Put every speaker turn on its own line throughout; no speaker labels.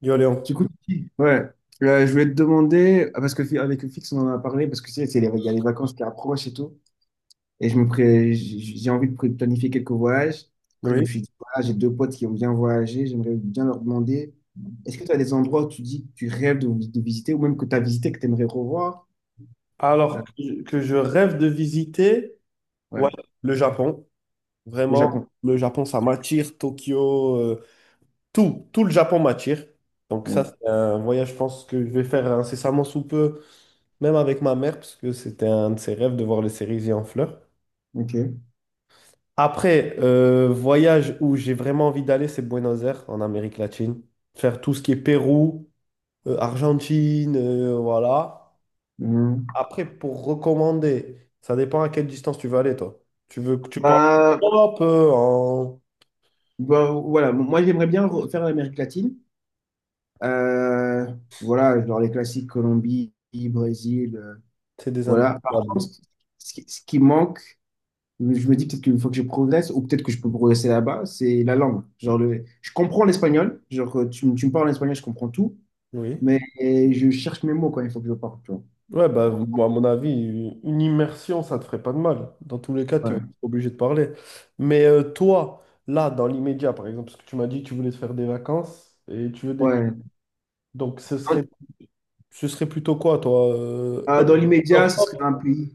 Yo Léon.
Du coup. Ouais. Je voulais te demander, ah, parce que avec le fixe, on en a parlé, parce que tu sais, il y a les vacances qui approchent et tout. Et j'ai envie de planifier quelques voyages. Après, je me
Oui.
suis dit, voilà, j'ai deux potes qui ont bien voyagé, j'aimerais bien leur demander, est-ce que tu as des endroits où tu dis que tu rêves de visiter, ou même que tu as visité, que tu aimerais revoir? Euh,
Alors que je rêve de visiter, ouais,
ouais,
le Japon.
le
Vraiment,
Japon.
le Japon, ça m'attire. Tokyo, tout, tout le Japon m'attire. Donc ça,
Ouais.
c'est un voyage, je pense que je vais faire incessamment sous peu, même avec ma mère, parce que c'était un de ses rêves de voir les cerisiers en fleurs.
Ok.
Après, voyage où j'ai vraiment envie d'aller, c'est Buenos Aires, en Amérique latine. Faire tout ce qui est Pérou, Argentine, voilà.
Mhm.
Après, pour recommander, ça dépend à quelle distance tu veux aller, toi. Tu veux que tu parles
Bah,
un peu en...
voilà. Bon, moi j'aimerais bien faire l'Amérique latine. Euh, voilà, genre les classiques, Colombie, Brésil,
C'est des
voilà. Par
indépendables.
contre, ce qui manque, je me dis peut-être qu'une fois que je progresse, ou peut-être que je peux progresser là-bas, c'est la langue. Genre je comprends l'espagnol, genre tu me parles en espagnol, je comprends tout,
Oui.
mais je cherche mes mots quand il faut que je parle, tu vois.
Ouais, bah, moi, à mon avis, une immersion, ça te ferait pas de mal. Dans tous les cas, tu vas
Ouais.
être obligé de parler. Mais toi, là, dans l'immédiat, par exemple, parce que tu m'as dit que tu voulais te faire des vacances et tu veux des...
Ouais.
Donc,
Dans,
ce serait plutôt quoi, toi?
dans l'immédiat, ce serait
Europe.
un pays.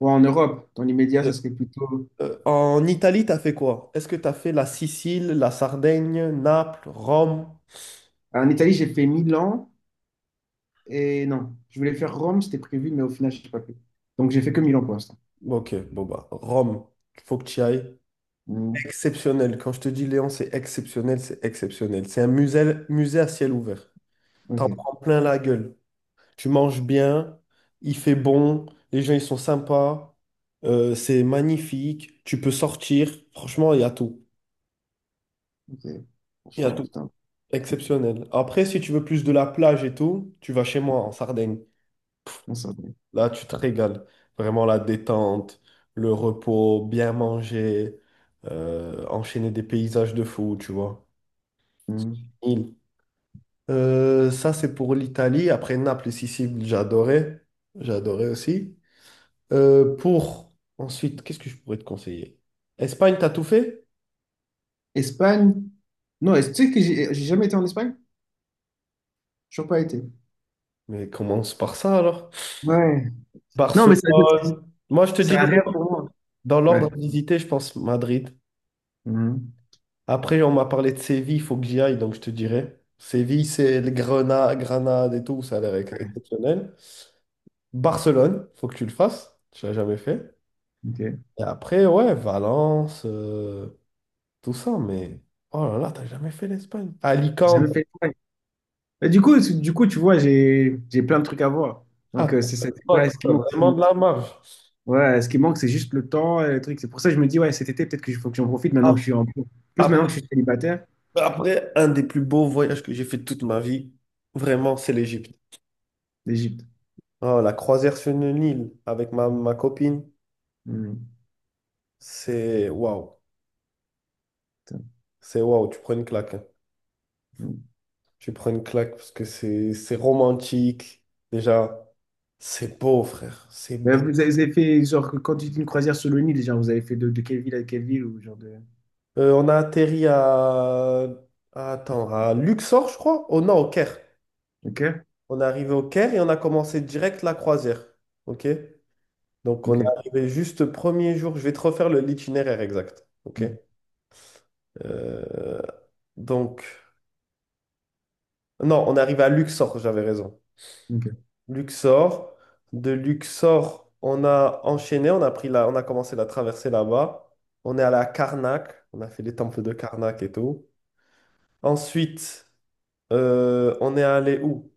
Ouais, en Europe, dans l'immédiat, ça serait plutôt.
En Italie, t'as fait quoi? Est-ce que t'as fait la Sicile, la Sardaigne, Naples, Rome?
En Italie, j'ai fait Milan et non, je voulais faire Rome, c'était prévu, mais au final, je n'ai pas fait. Donc, j'ai fait que Milan pour l'instant.
Ok, bon bah, Rome, faut que tu y ailles.
Mhm.
Exceptionnel. Quand je te dis Léon, c'est exceptionnel, c'est exceptionnel. C'est un musée, musée à ciel ouvert. T'en
Ok,
prends plein la gueule. Tu manges bien, il fait bon, les gens ils sont sympas, c'est magnifique, tu peux sortir. Franchement, il y a tout.
ok.
Il y a
Franchement,
tout.
putain,
Exceptionnel. Après, si tu veux plus de la plage et tout, tu vas chez moi en Sardaigne.
on s'en va.
Là, tu te régales. Vraiment la détente, le repos, bien manger, enchaîner des paysages de fou, tu vois.
Mmh.
Il- Ça, c'est pour l'Italie. Après Naples et Sicile, j'adorais. J'adorais aussi. Pour ensuite, qu'est-ce que je pourrais te conseiller? Espagne, t'as tout fait?
Espagne? Non, est-ce tu sais que j'ai jamais été en Espagne? J'ai toujours pas été.
Mais commence par ça alors.
Ouais. Non, mais
Barcelone. Moi, je te dis
c'est un
dans
rêve pour moi.
dans l'ordre
Ouais.
à visiter, je pense Madrid.
Mhm.
Après, on m'a parlé de Séville, il faut que j'y aille, donc je te dirai. Séville, c'est le Grenade, Grenade et tout, ça a l'air exceptionnel. Barcelone, faut que tu le fasses, tu l'as jamais fait.
Ok. J'ai
Et après, ouais, Valence, tout ça, mais oh là là, t'as jamais fait l'Espagne. Alicante,
jamais fait l'Espagne. Et du coup, du coup, tu vois, j'ai plein de trucs à voir. Donc,
ah,
c'est
t'as
pas ce qui
t'as
manque.
vraiment de la marge.
Ouais, ce qui manque, c'est juste le temps et le truc. C'est pour ça que je me dis, ouais, cet été, peut-être que faut que j'en profite maintenant que je
Ap-
suis en plus maintenant
Après,
que je suis célibataire.
après, un des plus beaux voyages que j'ai fait de toute ma vie, vraiment, c'est l'Égypte.
L'Égypte.
Oh, la croisière sur le Nil avec ma copine,
Mhm.
c'est waouh,
Putain.
c'est waouh, tu prends une claque, hein.
Mhm.
Tu prends une claque parce que c'est romantique. Déjà, c'est beau, frère. C'est
Mais
beau.
vous avez fait, genre, quand tu dis une croisière sur le Nil, genre, vous avez fait de quelle ville à quelle ville ou genre
On a atterri Attends, à Luxor, je crois? Oh non, au Caire.
Ok?
On est arrivé au Caire et on a commencé direct la croisière. OK? Donc,
Ok.
on est arrivé juste le premier jour. Je vais te refaire l'itinéraire exact. OK?
Mhm.
Euh, Donc, non, on est arrivé à Luxor, j'avais raison.
OK.
Luxor. De Luxor, on a enchaîné, on a pris on a commencé la traversée là-bas. On est allé à Karnak, on a fait les temples de Karnak et tout. Ensuite, on est allé où?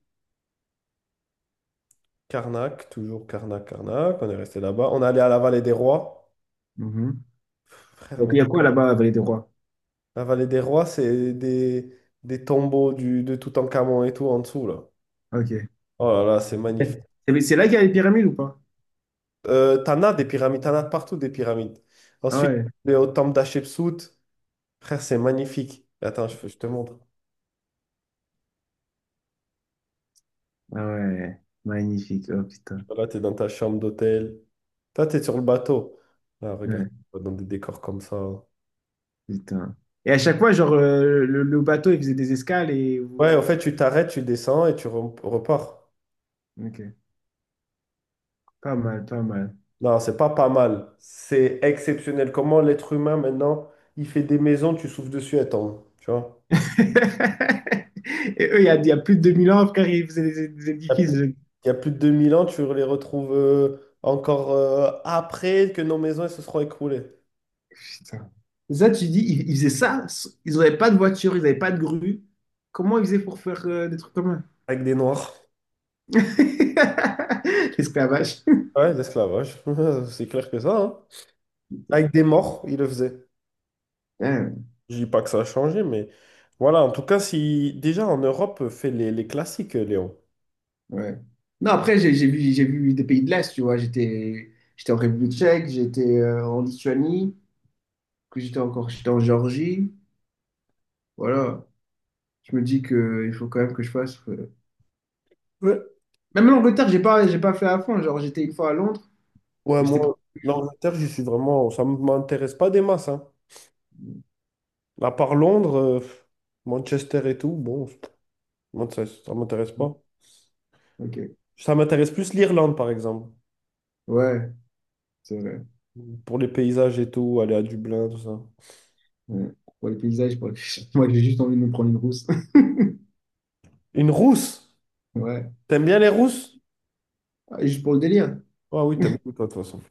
Karnak, toujours Karnak, Karnak. On est resté là-bas. On est allé à la vallée des rois.
Mhm.
Frère,
Donc,
mais
il y a quoi là-bas à Vallée des Rois?
la vallée des rois, des tombeaux de Toutankhamon et tout en dessous, là.
OK.
Oh là là, c'est magnifique.
C'est là qu'il y a les pyramides ou pas?
T'en as des pyramides, t'en as partout des pyramides.
Ah
Ensuite,
ouais.
on est au temple d'Hatchepsout. Frère, c'est magnifique. Attends, je te montre.
Ah ouais. Magnifique. Oh putain.
Là, tu es dans ta chambre d'hôtel. Toi, tu es sur le bateau. Là, regarde,
Ouais,
dans des décors comme ça.
putain. Et à chaque fois, genre, le bateau, il faisait des escales
Ouais, en fait, tu t'arrêtes, tu descends et tu repars.
OK. Pas mal, pas mal.
Non, c'est pas pas mal. C'est exceptionnel. Comment l'être humain, maintenant, il fait des maisons, tu souffles dessus, attends. Tu vois?
Et eux, il y a plus de 2000 ans, frère, ils faisaient des
Il y a plus,
édifices.
il y a plus de 2000 ans, tu les retrouves encore après que nos maisons elles se seront écroulées.
Putain. Ça, tu dis, ils faisaient ça, ils n'avaient pas de voiture, ils n'avaient pas de grue. Comment ils faisaient pour faire des trucs comme
Avec des noirs.
ça? L'esclavage.
Ouais, l'esclavage. C'est clair que ça, hein. Avec des morts, ils le faisaient.
Hein.
Je dis pas que ça a changé, mais voilà, en tout cas, si déjà en Europe, fait les classiques, Léon.
Ouais. Non, après, j'ai vu des pays de l'Est, tu vois. J'étais en République tchèque, j'étais en Lituanie, que j'étais encore, j'étais en Géorgie. Voilà. Je me dis que il faut quand même que je fasse,
Ouais.
même l'Angleterre, j'ai pas fait à fond. Genre, j'étais une fois à Londres,
Ouais,
mais j'étais pour
moi,
quelques jours.
l'Angleterre, je suis vraiment, ça ne m'intéresse pas des masses, hein. À part Londres, Manchester et tout, bon, moi, ça m'intéresse pas.
Ok.
Ça m'intéresse plus l'Irlande, par exemple,
Ouais. C'est vrai.
pour les paysages et tout, aller à Dublin, tout ça.
Ouais. Pour les paysages, moi j'ai juste envie de me prendre une rousse.
Une rousse!
Ouais.
T'aimes bien les rousses?
Ah, juste pour le délire.
Ah oui, t'aimes tout, toi, de toute façon.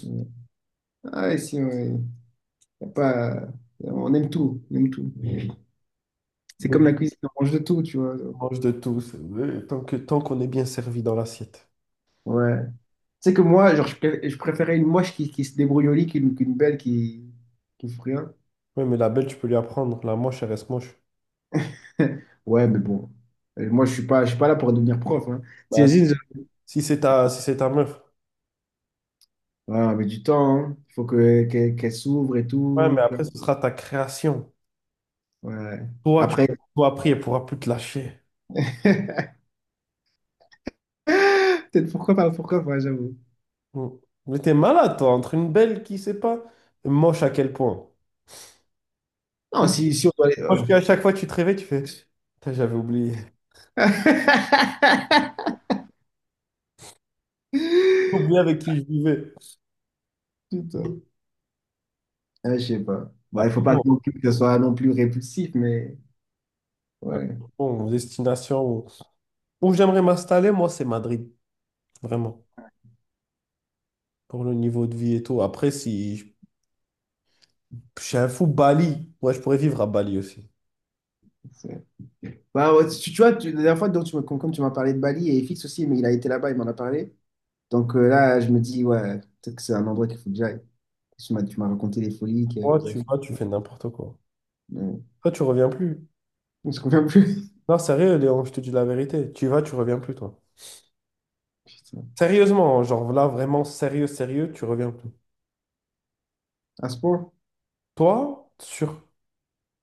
Ouais. Ah ouais, si, ouais. Y a pas... On aime tout, on aime tout. C'est
Mais
comme la cuisine, on mange de tout, tu vois.
on mange de tout, c'est- tant que, tant qu'on est bien servi dans l'assiette.
Ouais. Tu sais que moi, genre, je préférais une moche qui se débrouille au lit qu'une belle qui fout rien.
Ouais, mais la belle, tu peux lui apprendre. La moche, elle reste moche.
Ouais, mais bon. Moi, je suis pas là pour devenir prof. Hein.
Bah,
T'imagines,
si c'est ta meuf.
ah, mais du temps, hein. Il faut que qu'elle qu'elle s'ouvre et
Ouais, mais
tout.
après, ce sera ta création.
Ouais.
Toi, tu
Après,
toi, après, elle pourra plus te lâcher.
peut-être pourquoi pas, j'avoue.
Mm. Mais t'es malade, toi, entre une belle qui sait pas, et moche à quel point.
Non,
Moi,
si on doit aller.
moi, je dis à chaque fois que tu te réveilles, tu fais, putain, j'avais oublié. J'ai oublié avec qui je vivais.
Putain. Ah, je sais pas. Bah, il faut
Après,
pas
bon,
que non plus que ce soit non plus répulsif, mais
hein,
ouais.
bon, destination. Où j'aimerais m'installer, moi, c'est Madrid. Vraiment. Pour le niveau de vie et tout. Après, si je je suis un fou, Bali. Ouais, je pourrais vivre à Bali aussi.
c'est- Bah, ouais, tu vois, la dernière fois, donc, comme tu m'as parlé de Bali et Fix aussi, mais il a été là-bas, il m'en a parlé. Donc là, je me dis, ouais, peut-être que c'est un endroit qu'il faut que j'aille. Tu m'as raconté les folies que
Moi,
vous avez
tu
fait.
vas, tu fais n'importe quoi.
Mais
Toi, tu reviens plus.
on se convient plus.
Non, sérieux, Léon, je te dis la vérité. Tu vas, tu reviens plus, toi.
Putain.
Sérieusement, genre là, vraiment sérieux, sérieux, tu reviens plus.
À ce point.
Toi, sur...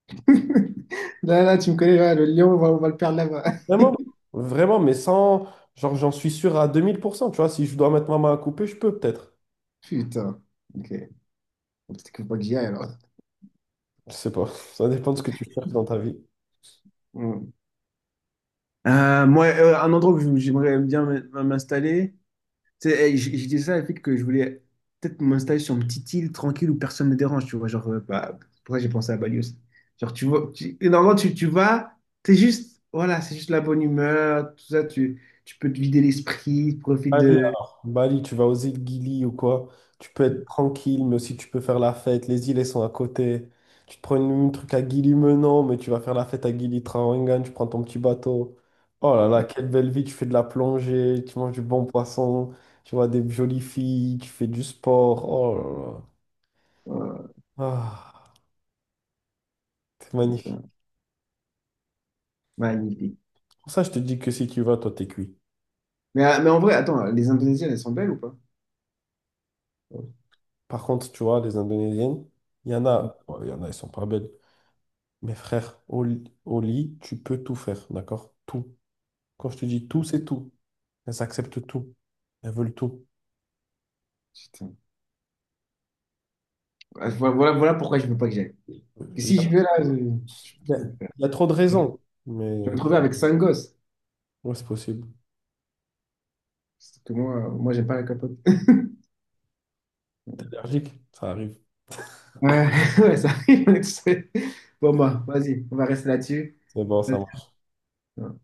Là, là, tu me connais, là, le lion, on va le perdre là-bas.
Vraiment, vraiment, mais sans... Genre, j'en suis sûr à 2000%, tu vois. Si je dois mettre ma main à couper, je peux peut-être.
Putain. Ok. Peut-être qu'il faut pas que j'y aille alors.
Je sais pas. Ça dépend de ce que tu cherches dans ta vie.
Hmm. Moi, un endroit où j'aimerais bien m'installer, tu sais, eh, j'ai dit ça avec que je voulais peut-être m'installer sur une petite île tranquille où personne ne dérange, tu vois. Genre, bah, pourquoi j'ai pensé à Bali aussi. Genre, tu vois, et normalement, tu vas, t'es juste, voilà, c'est juste la bonne humeur, tout ça, tu peux te vider l'esprit, profite
Bali,
de.
alors. Bali, tu vas aux îles Gili ou quoi, tu peux être tranquille, mais aussi tu peux faire la fête. Les îles, elles sont à côté. Tu te prends un truc à Gili Menon, mais tu vas faire la fête à Gili Trawangan, tu prends ton petit bateau. Oh là là, quelle belle vie, tu fais de la plongée, tu manges du bon poisson, tu vois des jolies filles, tu fais du sport. Oh là là.
Voilà,
Ah, c'est
c'est ça.
magnifique.
Magnifique.
Pour ça, je te dis que si tu vas, toi, t'es cuit.
Mais en vrai, attends, les Indonésiennes, elles sont belles ou pas? Oh,
Par contre, tu vois, les Indonésiennes, il y en a, elles sont pas belles. Mais frère, au lit, tu peux tout faire, d'accord? Tout. Quand je te dis tout, c'est tout. Elles acceptent tout. Elles veulent tout.
putain. Ah, voilà, voilà voilà pourquoi je veux pas que j'aille. Que
Il y
si je vais là,
a, il y a trop de raisons, mais
je me trouvais avec cinq gosses.
ouais, c'est possible.
Sauf que moi j'aime pas la capote.
T'es allergique, ça arrive.
Ouais, ouais, ça arrive. Bon, bah, vas-y, on va rester là-dessus.
C'est bon, ça marche.
Vas-y.